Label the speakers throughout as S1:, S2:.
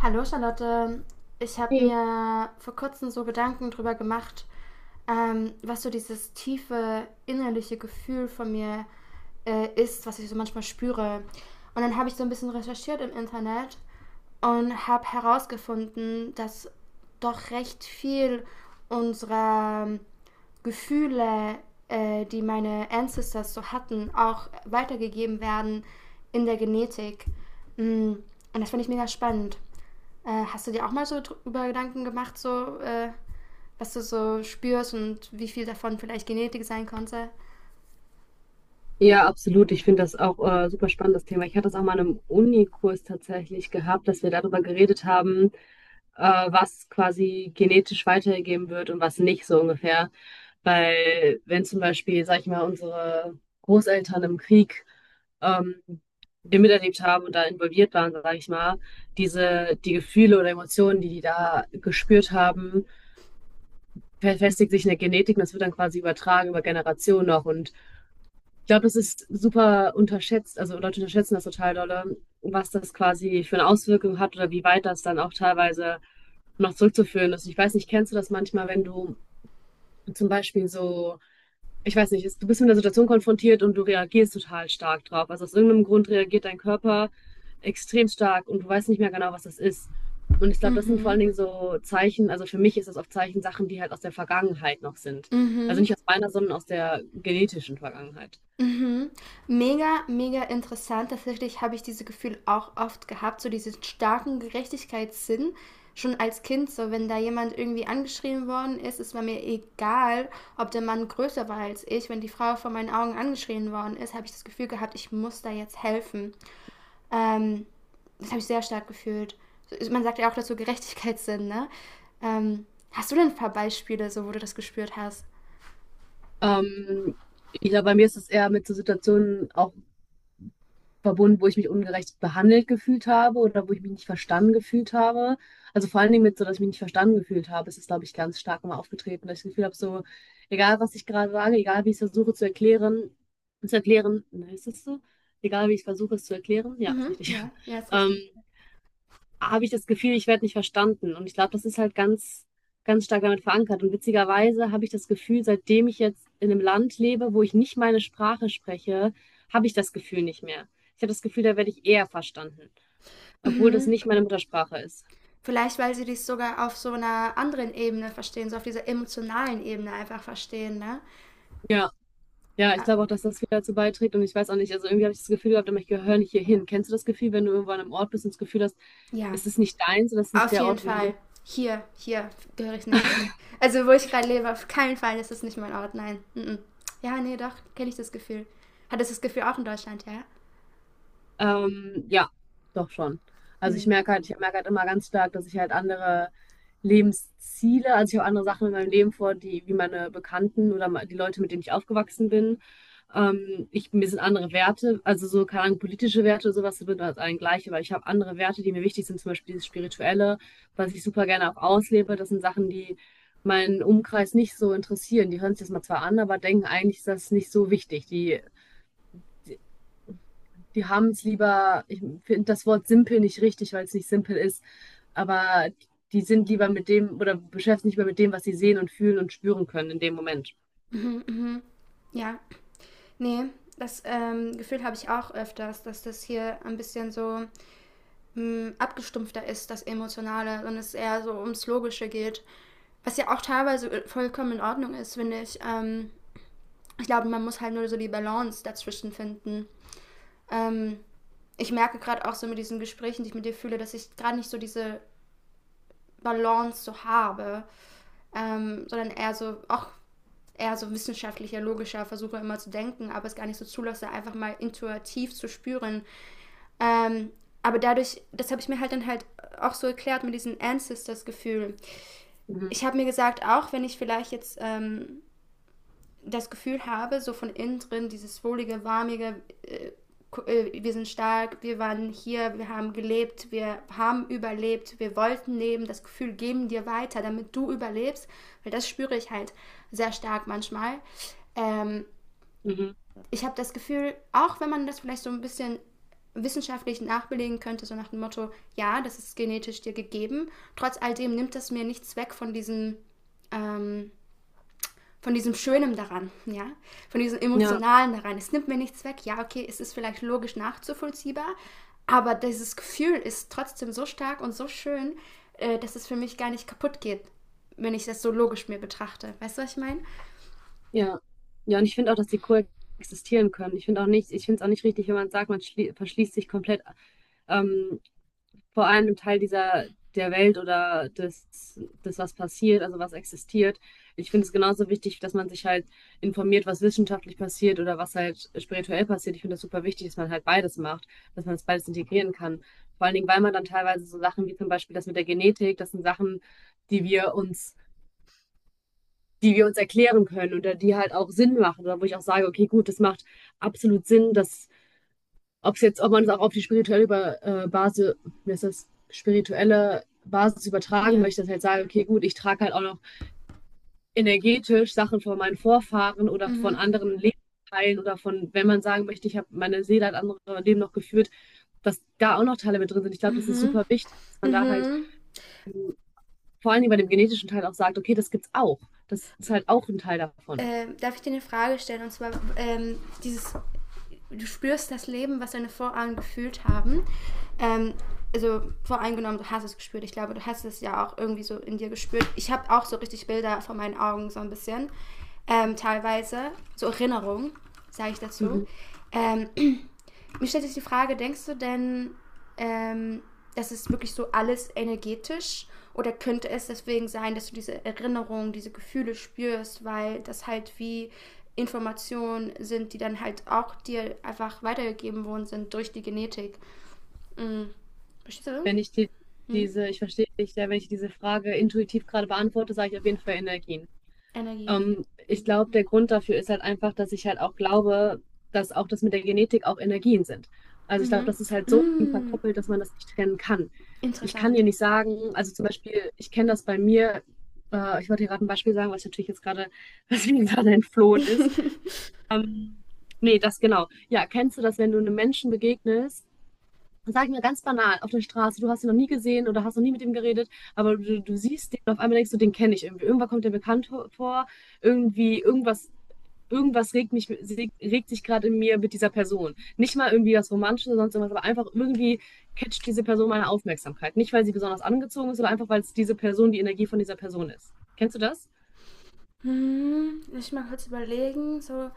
S1: Hallo Charlotte, ich habe
S2: Hey.
S1: mir vor kurzem so Gedanken drüber gemacht, was so dieses tiefe innerliche Gefühl von mir ist, was ich so manchmal spüre. Und dann habe ich so ein bisschen recherchiert im Internet und habe herausgefunden, dass doch recht viel unserer Gefühle, die meine Ancestors so hatten, auch weitergegeben werden in der Genetik. Mm, Und das finde ich mega spannend. Hast du dir auch mal so über Gedanken gemacht, so was du so spürst und wie viel davon vielleicht Genetik sein konnte?
S2: Ja, absolut. Ich finde das auch super spannendes Thema. Ich hatte das auch mal in einem Unikurs tatsächlich gehabt, dass wir darüber geredet haben, äh, was quasi genetisch weitergegeben wird und was nicht, so ungefähr. Weil wenn zum Beispiel, sag ich mal, unsere Großeltern im Krieg ähm, den miterlebt haben und da involviert waren, sage ich mal, die Gefühle oder Emotionen, die die da gespürt haben, verfestigt sich in der Genetik und das wird dann quasi übertragen über Generationen noch. Und ich glaube, das ist super unterschätzt, also Leute unterschätzen das total dolle, was das quasi für eine Auswirkung hat oder wie weit das dann auch teilweise noch zurückzuführen ist. Ich weiß nicht, kennst du das manchmal, wenn du zum Beispiel so, ich weiß nicht, du bist mit einer Situation konfrontiert und du reagierst total stark drauf. Also aus irgendeinem Grund reagiert dein Körper extrem stark und du weißt nicht mehr genau, was das ist. Und ich glaube, das sind vor
S1: Mhm.
S2: allen Dingen so Zeichen, also für mich ist das oft Zeichen, Sachen, die halt aus der Vergangenheit noch sind. Also
S1: Mhm.
S2: nicht aus meiner, sondern aus der genetischen Vergangenheit.
S1: Mhm. Mega, mega interessant. Tatsächlich habe ich dieses Gefühl auch oft gehabt, so diesen starken Gerechtigkeitssinn. Schon als Kind, so wenn da jemand irgendwie angeschrien worden ist, es war mir egal, ob der Mann größer war als ich. Wenn die Frau vor meinen Augen angeschrien worden ist, habe ich das Gefühl gehabt, ich muss da jetzt helfen. Ähm, Das habe ich sehr stark gefühlt. Man sagt ja auch dazu Gerechtigkeitssinn, ne? Ähm, hast du denn ein paar Beispiele, so wo du das gespürt hast?
S2: Ähm, ich glaube, bei mir ist es eher mit so Situationen auch verbunden, wo ich mich ungerecht behandelt gefühlt habe oder wo ich mich nicht verstanden gefühlt habe. Also vor allen Dingen mit so, dass ich mich nicht verstanden gefühlt habe, ist es, glaube ich, ganz stark mal aufgetreten, dass ich das Gefühl habe, so, egal was ich gerade sage, egal wie ich es versuche zu erklären, ne, ist das so? Egal wie ich versuche es zu erklären, ja, ist
S1: Mhm,
S2: richtig.
S1: ja, ja, ist
S2: Ähm,
S1: richtig.
S2: habe ich das Gefühl, ich werde nicht verstanden. Und ich glaube, das ist halt ganz, ganz stark damit verankert. Und witzigerweise habe ich das Gefühl, seitdem ich jetzt in einem Land lebe, wo ich nicht meine Sprache spreche, habe ich das Gefühl nicht mehr. Ich habe das Gefühl, da werde ich eher verstanden, obwohl das
S1: Mhm.
S2: nicht meine Muttersprache ist.
S1: Vielleicht, weil sie dies sogar auf so einer anderen Ebene verstehen, so auf dieser emotionalen Ebene einfach verstehen, ne?
S2: Ja, ja, ich
S1: Ah,
S2: glaube auch, dass das viel dazu beiträgt. Und ich weiß auch nicht, also irgendwie habe ich das Gefühl gehabt, ich gehöre nicht hier hin. Kennst du das Gefühl, wenn du irgendwo an einem Ort bist und das Gefühl hast,
S1: ja,
S2: es ist nicht deins oder es ist nicht
S1: auf
S2: der
S1: jeden
S2: Ort, wo du
S1: Fall.
S2: hin.
S1: Hier gehöre ich nicht hin. Also, wo ich gerade lebe, auf keinen Fall ist es nicht mein Ort, nein. Mhm. Ja, nee, doch, kenne ich das Gefühl. Hattest du das Gefühl auch in Deutschland, ja?
S2: Ja, doch schon. Also
S1: Mhm.
S2: ich merke halt immer ganz stark, dass ich halt andere Lebensziele, also ich habe andere Sachen in meinem Leben vor, die wie meine Bekannten oder die Leute, mit denen ich aufgewachsen bin. Mir sind andere Werte, also so, keine Ahnung, politische Werte oder sowas sind halt allen gleich, aber ich habe andere Werte, die mir wichtig sind, zum Beispiel dieses Spirituelle, was ich super gerne auch auslebe. Das sind Sachen, die meinen Umkreis nicht so interessieren. Die hören sich das mal zwar an, aber denken eigentlich, ist das nicht so wichtig. Die haben es lieber, ich finde das Wort simpel nicht richtig, weil es nicht simpel ist, aber die sind lieber mit dem oder beschäftigen sich lieber mit dem, was sie sehen und fühlen und spüren können in dem Moment.
S1: Mhm, mhm. Ja, ne, das Gefühl habe ich auch öfters, dass das hier ein bisschen so abgestumpfter ist, das Emotionale, und es eher so ums Logische geht. Was ja auch teilweise vollkommen in Ordnung ist, finde ich. Ich glaube, man muss halt nur so die Balance dazwischen finden. Ähm, ich merke gerade auch so mit diesen Gesprächen, die ich mit dir fühle, dass ich gerade nicht so diese Balance so habe, sondern eher so, auch eher so wissenschaftlicher, logischer versuche immer zu denken, aber es gar nicht so zulasse, einfach mal intuitiv zu spüren, Ähm, aber dadurch, das habe ich mir halt dann halt auch so erklärt mit diesem Ancestors-Gefühl.
S2: Mhm.
S1: Ich habe mir gesagt, auch wenn ich vielleicht jetzt das Gefühl habe, so von innen drin, dieses wohlige, warmige, wir sind stark, wir waren hier, wir haben gelebt, wir haben überlebt, wir wollten leben, das Gefühl geben dir weiter, damit du überlebst, weil das spüre ich halt sehr stark manchmal. Ähm,
S2: Mhm.
S1: ich habe das Gefühl, auch wenn man das vielleicht so ein bisschen wissenschaftlich nachbelegen könnte, so nach dem Motto, ja, das ist genetisch dir gegeben, trotz all dem nimmt das mir nichts weg ähm, von diesem Schönen daran, ja, von diesem
S2: Ja,
S1: Emotionalen daran. Es nimmt mir nichts weg, ja, okay, es ist vielleicht logisch nachzuvollziehbar, aber dieses Gefühl ist trotzdem so stark und so schön, dass es für mich gar nicht kaputt geht, wenn ich das so logisch mir betrachte. Weißt du, was ich meine?
S2: ja. Ja, und ich finde auch, dass die coexistieren können. Ich finde auch nicht, ich finde es auch nicht richtig, wenn man sagt, man verschließt sich komplett, ähm, vor allem Teil dieser der Welt oder des, was passiert, also was existiert. Ich finde es genauso wichtig, dass man sich halt informiert, was wissenschaftlich passiert oder was halt spirituell passiert. Ich finde das super wichtig, dass man halt beides macht, dass man das beides integrieren kann. Vor allen Dingen, weil man dann teilweise so Sachen wie zum Beispiel das mit der Genetik, das sind Sachen, die wir uns, die wir uns erklären können oder die halt auch Sinn machen oder wo ich auch sage, okay, gut, das macht absolut Sinn, dass ob es jetzt, ob man es auch auf die spirituelle Basis, wie ist das, spirituelle Basis übertragen
S1: Ja.
S2: möchte, dass ich halt sage, okay, gut, ich trage halt auch noch energetisch Sachen von meinen Vorfahren oder von
S1: Mhm.
S2: anderen Lebensteilen oder von, wenn man sagen möchte, ich habe meine Seele hat andere Leben noch geführt, dass da auch noch Teile mit drin sind. Ich glaube, das ist
S1: Mhm.
S2: super wichtig, dass man da halt
S1: Mhm.
S2: vor allen Dingen bei dem genetischen Teil auch sagt, okay, das gibt's auch. Das ist halt auch ein Teil davon.
S1: Darf ich dir eine Frage stellen? Und zwar, dieses, du spürst das Leben, was deine Vorahnen gefühlt haben. Ähm, also voreingenommen, du hast es gespürt. Ich glaube, du hast es ja auch irgendwie so in dir gespürt. Ich habe auch so richtig Bilder vor meinen Augen, so ein bisschen. Teilweise, so Erinnerungen, sage ich dazu.
S2: Mhm.
S1: Ähm, Mir stellt sich die Frage, denkst du denn, ähm, das ist wirklich so alles energetisch? Oder könnte es deswegen sein, dass du diese Erinnerungen, diese Gefühle spürst, weil das halt wie Informationen sind, die dann halt auch dir einfach weitergegeben worden sind durch die Genetik? Mhm. Verstehst
S2: Wenn ich
S1: du?
S2: die,
S1: Mhm.
S2: diese, Ich verstehe dich, ja, wenn ich diese Frage intuitiv gerade beantworte, sage ich auf jeden Fall Energien.
S1: Energie.
S2: Ich glaube, der Grund dafür ist halt einfach, dass ich halt auch glaube, dass auch das mit der Genetik auch Energien sind. Also ich glaube,
S1: Mhm.
S2: das ist halt
S1: Mhm.
S2: so eng
S1: Mm.
S2: verkoppelt, dass man das nicht trennen kann. Ich kann
S1: Interessant.
S2: dir nicht sagen, also zum Beispiel, ich kenne das bei mir, ich wollte dir gerade ein Beispiel sagen, was ich natürlich jetzt gerade, was mir gerade entflohen ist. Ähm, nee, das genau. Ja, kennst du das, wenn du einem Menschen begegnest, und sag ich mir ganz banal, auf der Straße, du hast ihn noch nie gesehen oder hast noch nie mit ihm geredet, aber du siehst den und auf einmal denkst du, den kenne ich irgendwie. Irgendwann kommt der bekannt vor, irgendwie, irgendwas regt sich gerade in mir mit dieser Person. Nicht mal irgendwie was Romantisches oder sonst irgendwas, aber einfach irgendwie catcht diese Person meine Aufmerksamkeit. Nicht, weil sie besonders angezogen ist, sondern einfach, weil es diese Person, die Energie von dieser Person ist. Kennst du das?
S1: Lass ich mal kurz überlegen. So,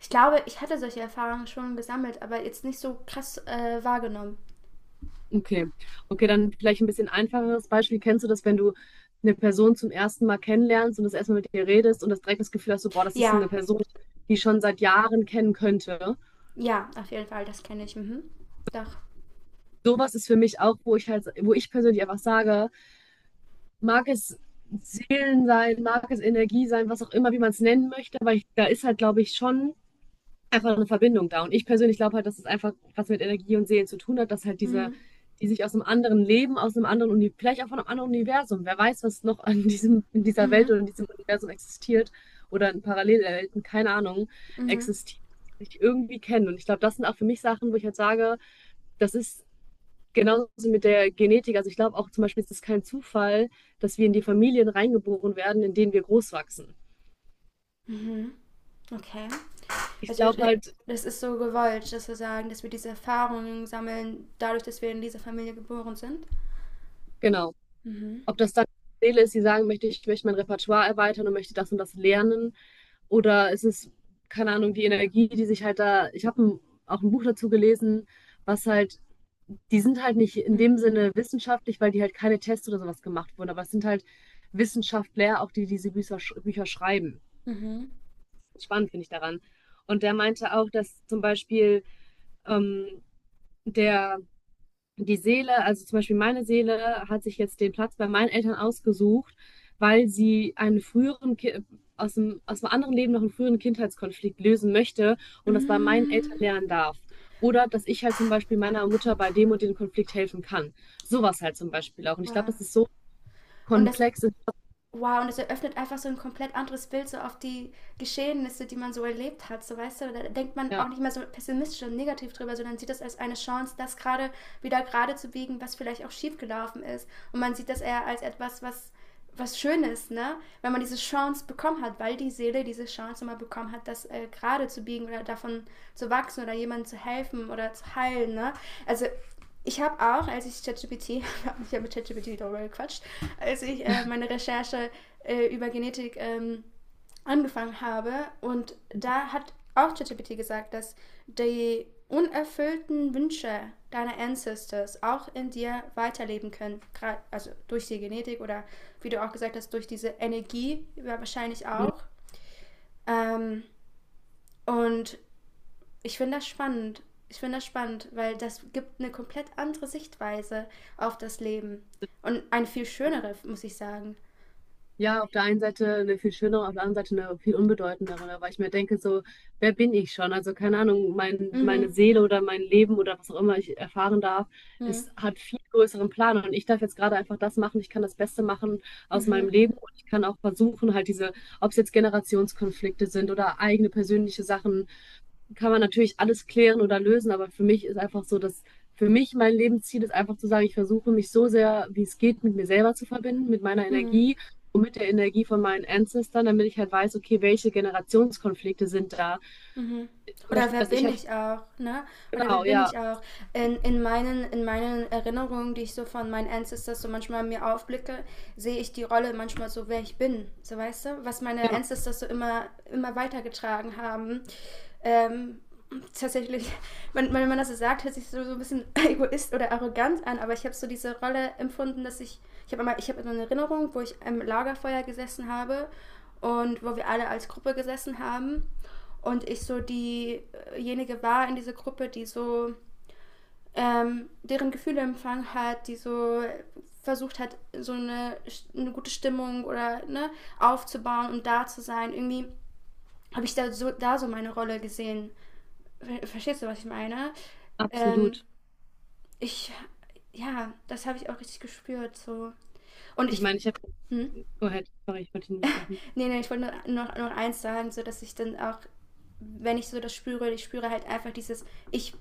S1: ich glaube, ich hatte solche Erfahrungen schon gesammelt, aber jetzt nicht so krass wahrgenommen.
S2: Okay. Okay, dann vielleicht ein bisschen einfacheres Beispiel. Kennst du das, wenn du eine Person zum ersten Mal kennenlernst und das erstmal mit ihr redest und das direkt das Gefühl hast, so, boah, das ist eine
S1: Ja,
S2: Person, die ich schon seit Jahren kennen könnte.
S1: ja, auf jeden Fall, das kenne ich. Mhm. Doch.
S2: Sowas ist für mich auch, wo ich persönlich einfach sage, mag es Seelen sein, mag es Energie sein, was auch immer, wie man es nennen möchte, aber ich, da ist halt, glaube ich, schon einfach eine Verbindung da. Und ich persönlich glaube halt, dass es einfach was mit Energie und Seelen zu tun hat, dass halt diese,
S1: Mhm.
S2: die sich aus einem anderen Leben, aus einem anderen Universum, vielleicht auch von einem anderen Universum, wer weiß, was noch an diesem, in dieser Welt
S1: Mhm.
S2: oder in diesem Universum existiert oder in Parallelwelten, keine Ahnung,
S1: Mhm.
S2: existiert, sich irgendwie kennen. Und ich glaube, das sind auch für mich Sachen, wo ich halt sage, das ist genauso mit der Genetik. Also ich glaube auch zum Beispiel, es ist kein Zufall, dass wir in die Familien reingeboren werden, in denen wir groß wachsen.
S1: Mhm. Okay.
S2: Ich
S1: Also
S2: glaube halt,
S1: das ist so gewollt, dass wir sagen, dass wir diese Erfahrungen sammeln, dadurch, dass wir in dieser Familie geboren sind.
S2: genau.
S1: Mhm.
S2: Ob das dann die Seele ist, die sagen möchte, ich möchte mein Repertoire erweitern und möchte das und das lernen. Oder es ist, keine Ahnung, die Energie, die sich halt da. Ich habe auch ein Buch dazu gelesen, was halt, die sind halt nicht in
S1: Mhm.
S2: dem Sinne wissenschaftlich, weil die halt keine Tests oder sowas gemacht wurden. Aber es sind halt Wissenschaftler, auch die die diese Bücher schreiben.
S1: Mhm.
S2: Spannend finde ich daran. Und der meinte auch, dass zum Beispiel ähm, der die Seele, also zum Beispiel meine Seele, hat sich jetzt den Platz bei meinen Eltern ausgesucht, weil sie einen früheren Ki aus dem anderen Leben noch einen früheren Kindheitskonflikt lösen möchte und das bei meinen Eltern
S1: Mhm.
S2: lernen darf. Oder dass ich halt zum Beispiel meiner Mutter bei dem und dem Konflikt helfen kann. Sowas halt zum Beispiel auch. Und ich glaube,
S1: Wow.
S2: das ist so
S1: Und das
S2: komplex.
S1: wow, und es eröffnet einfach so ein komplett anderes Bild so auf die Geschehnisse, die man so erlebt hat. So, weißt du, da denkt man
S2: Ja.
S1: auch nicht mehr so pessimistisch und negativ drüber, sondern sieht das als eine Chance, das gerade wieder gerade zu biegen, was vielleicht auch schief gelaufen ist. Und man sieht das eher als etwas, was Schönes, ne? Wenn man diese Chance bekommen hat, weil die Seele diese Chance mal bekommen hat, das gerade zu biegen oder davon zu wachsen oder jemandem zu helfen oder zu heilen, ne? Also ich habe auch, ich habe mit ChatGPT darüber gequatscht, als ich meine Recherche über Genetik angefangen habe und da hat auch ChatGPT gesagt, dass die unerfüllten Wünsche deiner Ancestors auch in dir weiterleben können, grad, also durch die Genetik oder wie du auch gesagt hast, durch diese Energie ja, wahrscheinlich auch. Ähm, und ich finde das spannend. Ich finde das spannend, weil das gibt eine komplett andere Sichtweise auf das Leben. Und eine viel schönere, muss ich sagen.
S2: Ja, auf der einen Seite eine viel schönere, auf der anderen Seite eine viel unbedeutendere, weil ich mir denke, so, wer bin ich schon? Also keine Ahnung, meine
S1: Mhm.
S2: Seele oder mein Leben oder was auch immer ich erfahren darf,
S1: Mhm.
S2: es hat viel größeren Plan und ich darf jetzt gerade einfach das machen, ich kann das Beste machen aus meinem
S1: Mhm.
S2: Leben und ich kann auch versuchen, halt diese, ob es jetzt Generationskonflikte sind oder eigene persönliche Sachen, kann man natürlich alles klären oder lösen, aber für mich ist einfach so, dass für mich mein Lebensziel ist einfach zu sagen, ich versuche mich so sehr, wie es geht, mit mir selber zu verbinden, mit meiner
S1: Mhm.
S2: Energie und mit der Energie von meinen Ancestern, damit ich halt weiß, okay, welche Generationskonflikte sind da.
S1: Mhm.
S2: Zum
S1: Oder
S2: Beispiel,
S1: wer
S2: dass ich
S1: bin
S2: habe,
S1: ich auch, ne? Oder wer
S2: genau,
S1: bin
S2: ja,
S1: ich auch? In meinen Erinnerungen, die ich so von meinen Ancestors so manchmal mir aufblicke, sehe ich die Rolle manchmal so, wer ich bin. So weißt du, was meine
S2: ja,
S1: Ancestors so immer, immer weitergetragen haben. Ähm, tatsächlich, wenn man das so sagt, hört sich so, ein bisschen egoist oder arrogant an, aber ich habe so diese Rolle empfunden, dass ich habe einmal, ich habe so eine Erinnerung, wo ich am Lagerfeuer gesessen habe und wo wir alle als Gruppe gesessen haben und ich so diejenige war in dieser Gruppe, die so deren Gefühle empfangen hat, die so versucht hat, so eine gute Stimmung oder ne, aufzubauen und da zu sein. Irgendwie habe ich da so meine Rolle gesehen. Verstehst du, was ich meine? Ähm,
S2: absolut.
S1: ich, ja, das habe ich auch richtig gespürt. So. Und
S2: Ich
S1: ich,
S2: meine, ich habe,
S1: hm?
S2: go ahead, sorry, ich wollte dich unterbrechen.
S1: Nee, nee, ich wollte nur noch eins sagen, so dass ich dann auch, wenn ich so das spüre, ich spüre halt einfach dieses, ich,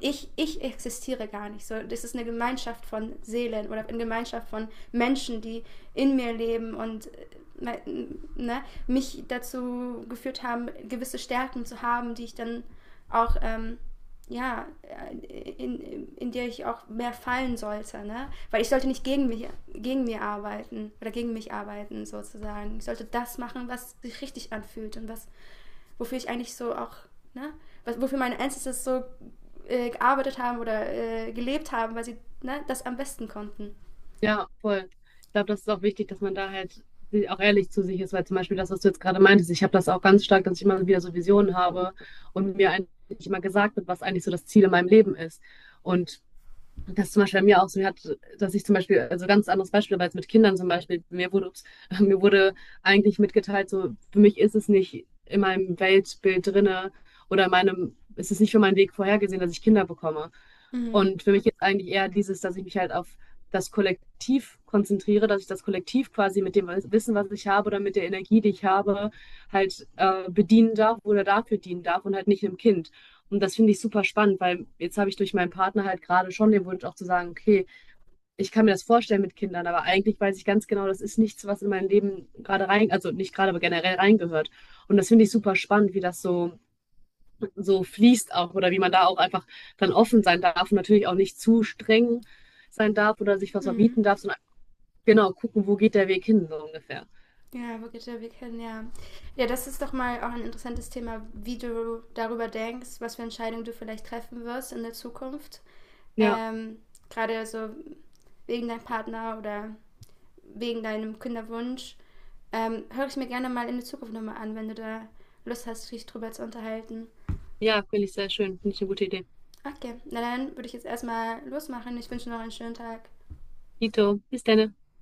S1: ich existiere gar nicht. So, das ist eine Gemeinschaft von Seelen oder eine Gemeinschaft von Menschen, die in mir leben und äh, ne, mich dazu geführt haben, gewisse Stärken zu haben, die ich dann auch ja, in der ich auch mehr fallen sollte, ne? Weil ich sollte nicht gegen mich, gegen mir arbeiten oder gegen mich arbeiten sozusagen. Ich sollte das machen, was sich richtig anfühlt und was, wofür ich eigentlich so auch, ne? Was, wofür meine Ancestors so gearbeitet haben oder gelebt haben, weil sie ne, das am besten konnten.
S2: Ja, voll. Ich glaube, das ist auch wichtig, dass man da halt auch ehrlich zu sich ist, weil zum Beispiel das, was du jetzt gerade meintest, ich habe das auch ganz stark, dass ich immer wieder so Visionen habe und mir eigentlich immer gesagt wird, was eigentlich so das Ziel in meinem Leben ist. Und das ist zum Beispiel bei mir auch so, dass ich zum Beispiel, also ganz anderes Beispiel, aber jetzt mit Kindern zum Beispiel, mir wurde, ups, mir wurde eigentlich mitgeteilt, so, für mich ist es nicht in meinem Weltbild drinne oder in meinem, ist es nicht für meinen Weg vorhergesehen, dass ich Kinder bekomme.
S1: Mhm.
S2: Und für mich ist eigentlich eher dieses, dass ich mich halt auf das Kollektiv konzentriere, dass ich das Kollektiv quasi mit dem Wissen, was ich habe oder mit der Energie, die ich habe, halt bedienen darf oder dafür dienen darf und halt nicht einem Kind. Und das finde ich super spannend, weil jetzt habe ich durch meinen Partner halt gerade schon den Wunsch auch zu sagen, okay, ich kann mir das vorstellen mit Kindern, aber eigentlich weiß ich ganz genau, das ist nichts, was in mein Leben gerade rein, also nicht gerade, aber generell reingehört. Und das finde ich super spannend, wie das so fließt auch oder wie man da auch einfach dann offen sein darf und natürlich auch nicht zu streng sein darf oder sich was
S1: Mhm.
S2: verbieten darf, sondern genau gucken, wo geht der Weg hin, so ungefähr.
S1: Ja, Brigitte, wir kennen ja. Ja, das ist doch mal auch ein interessantes Thema, wie du darüber denkst, was für Entscheidungen du vielleicht treffen wirst in der Zukunft
S2: Ja,
S1: ähm, gerade so wegen deinem Partner oder wegen deinem Kinderwunsch, höre ich mir gerne mal in der Zukunft nochmal an, wenn du da Lust hast, dich drüber zu unterhalten.
S2: ja, finde ich sehr schön. Finde ich eine gute Idee.
S1: Okay, na dann würde ich jetzt erstmal losmachen. Ich wünsche noch einen schönen Tag.
S2: Dito, bis dann.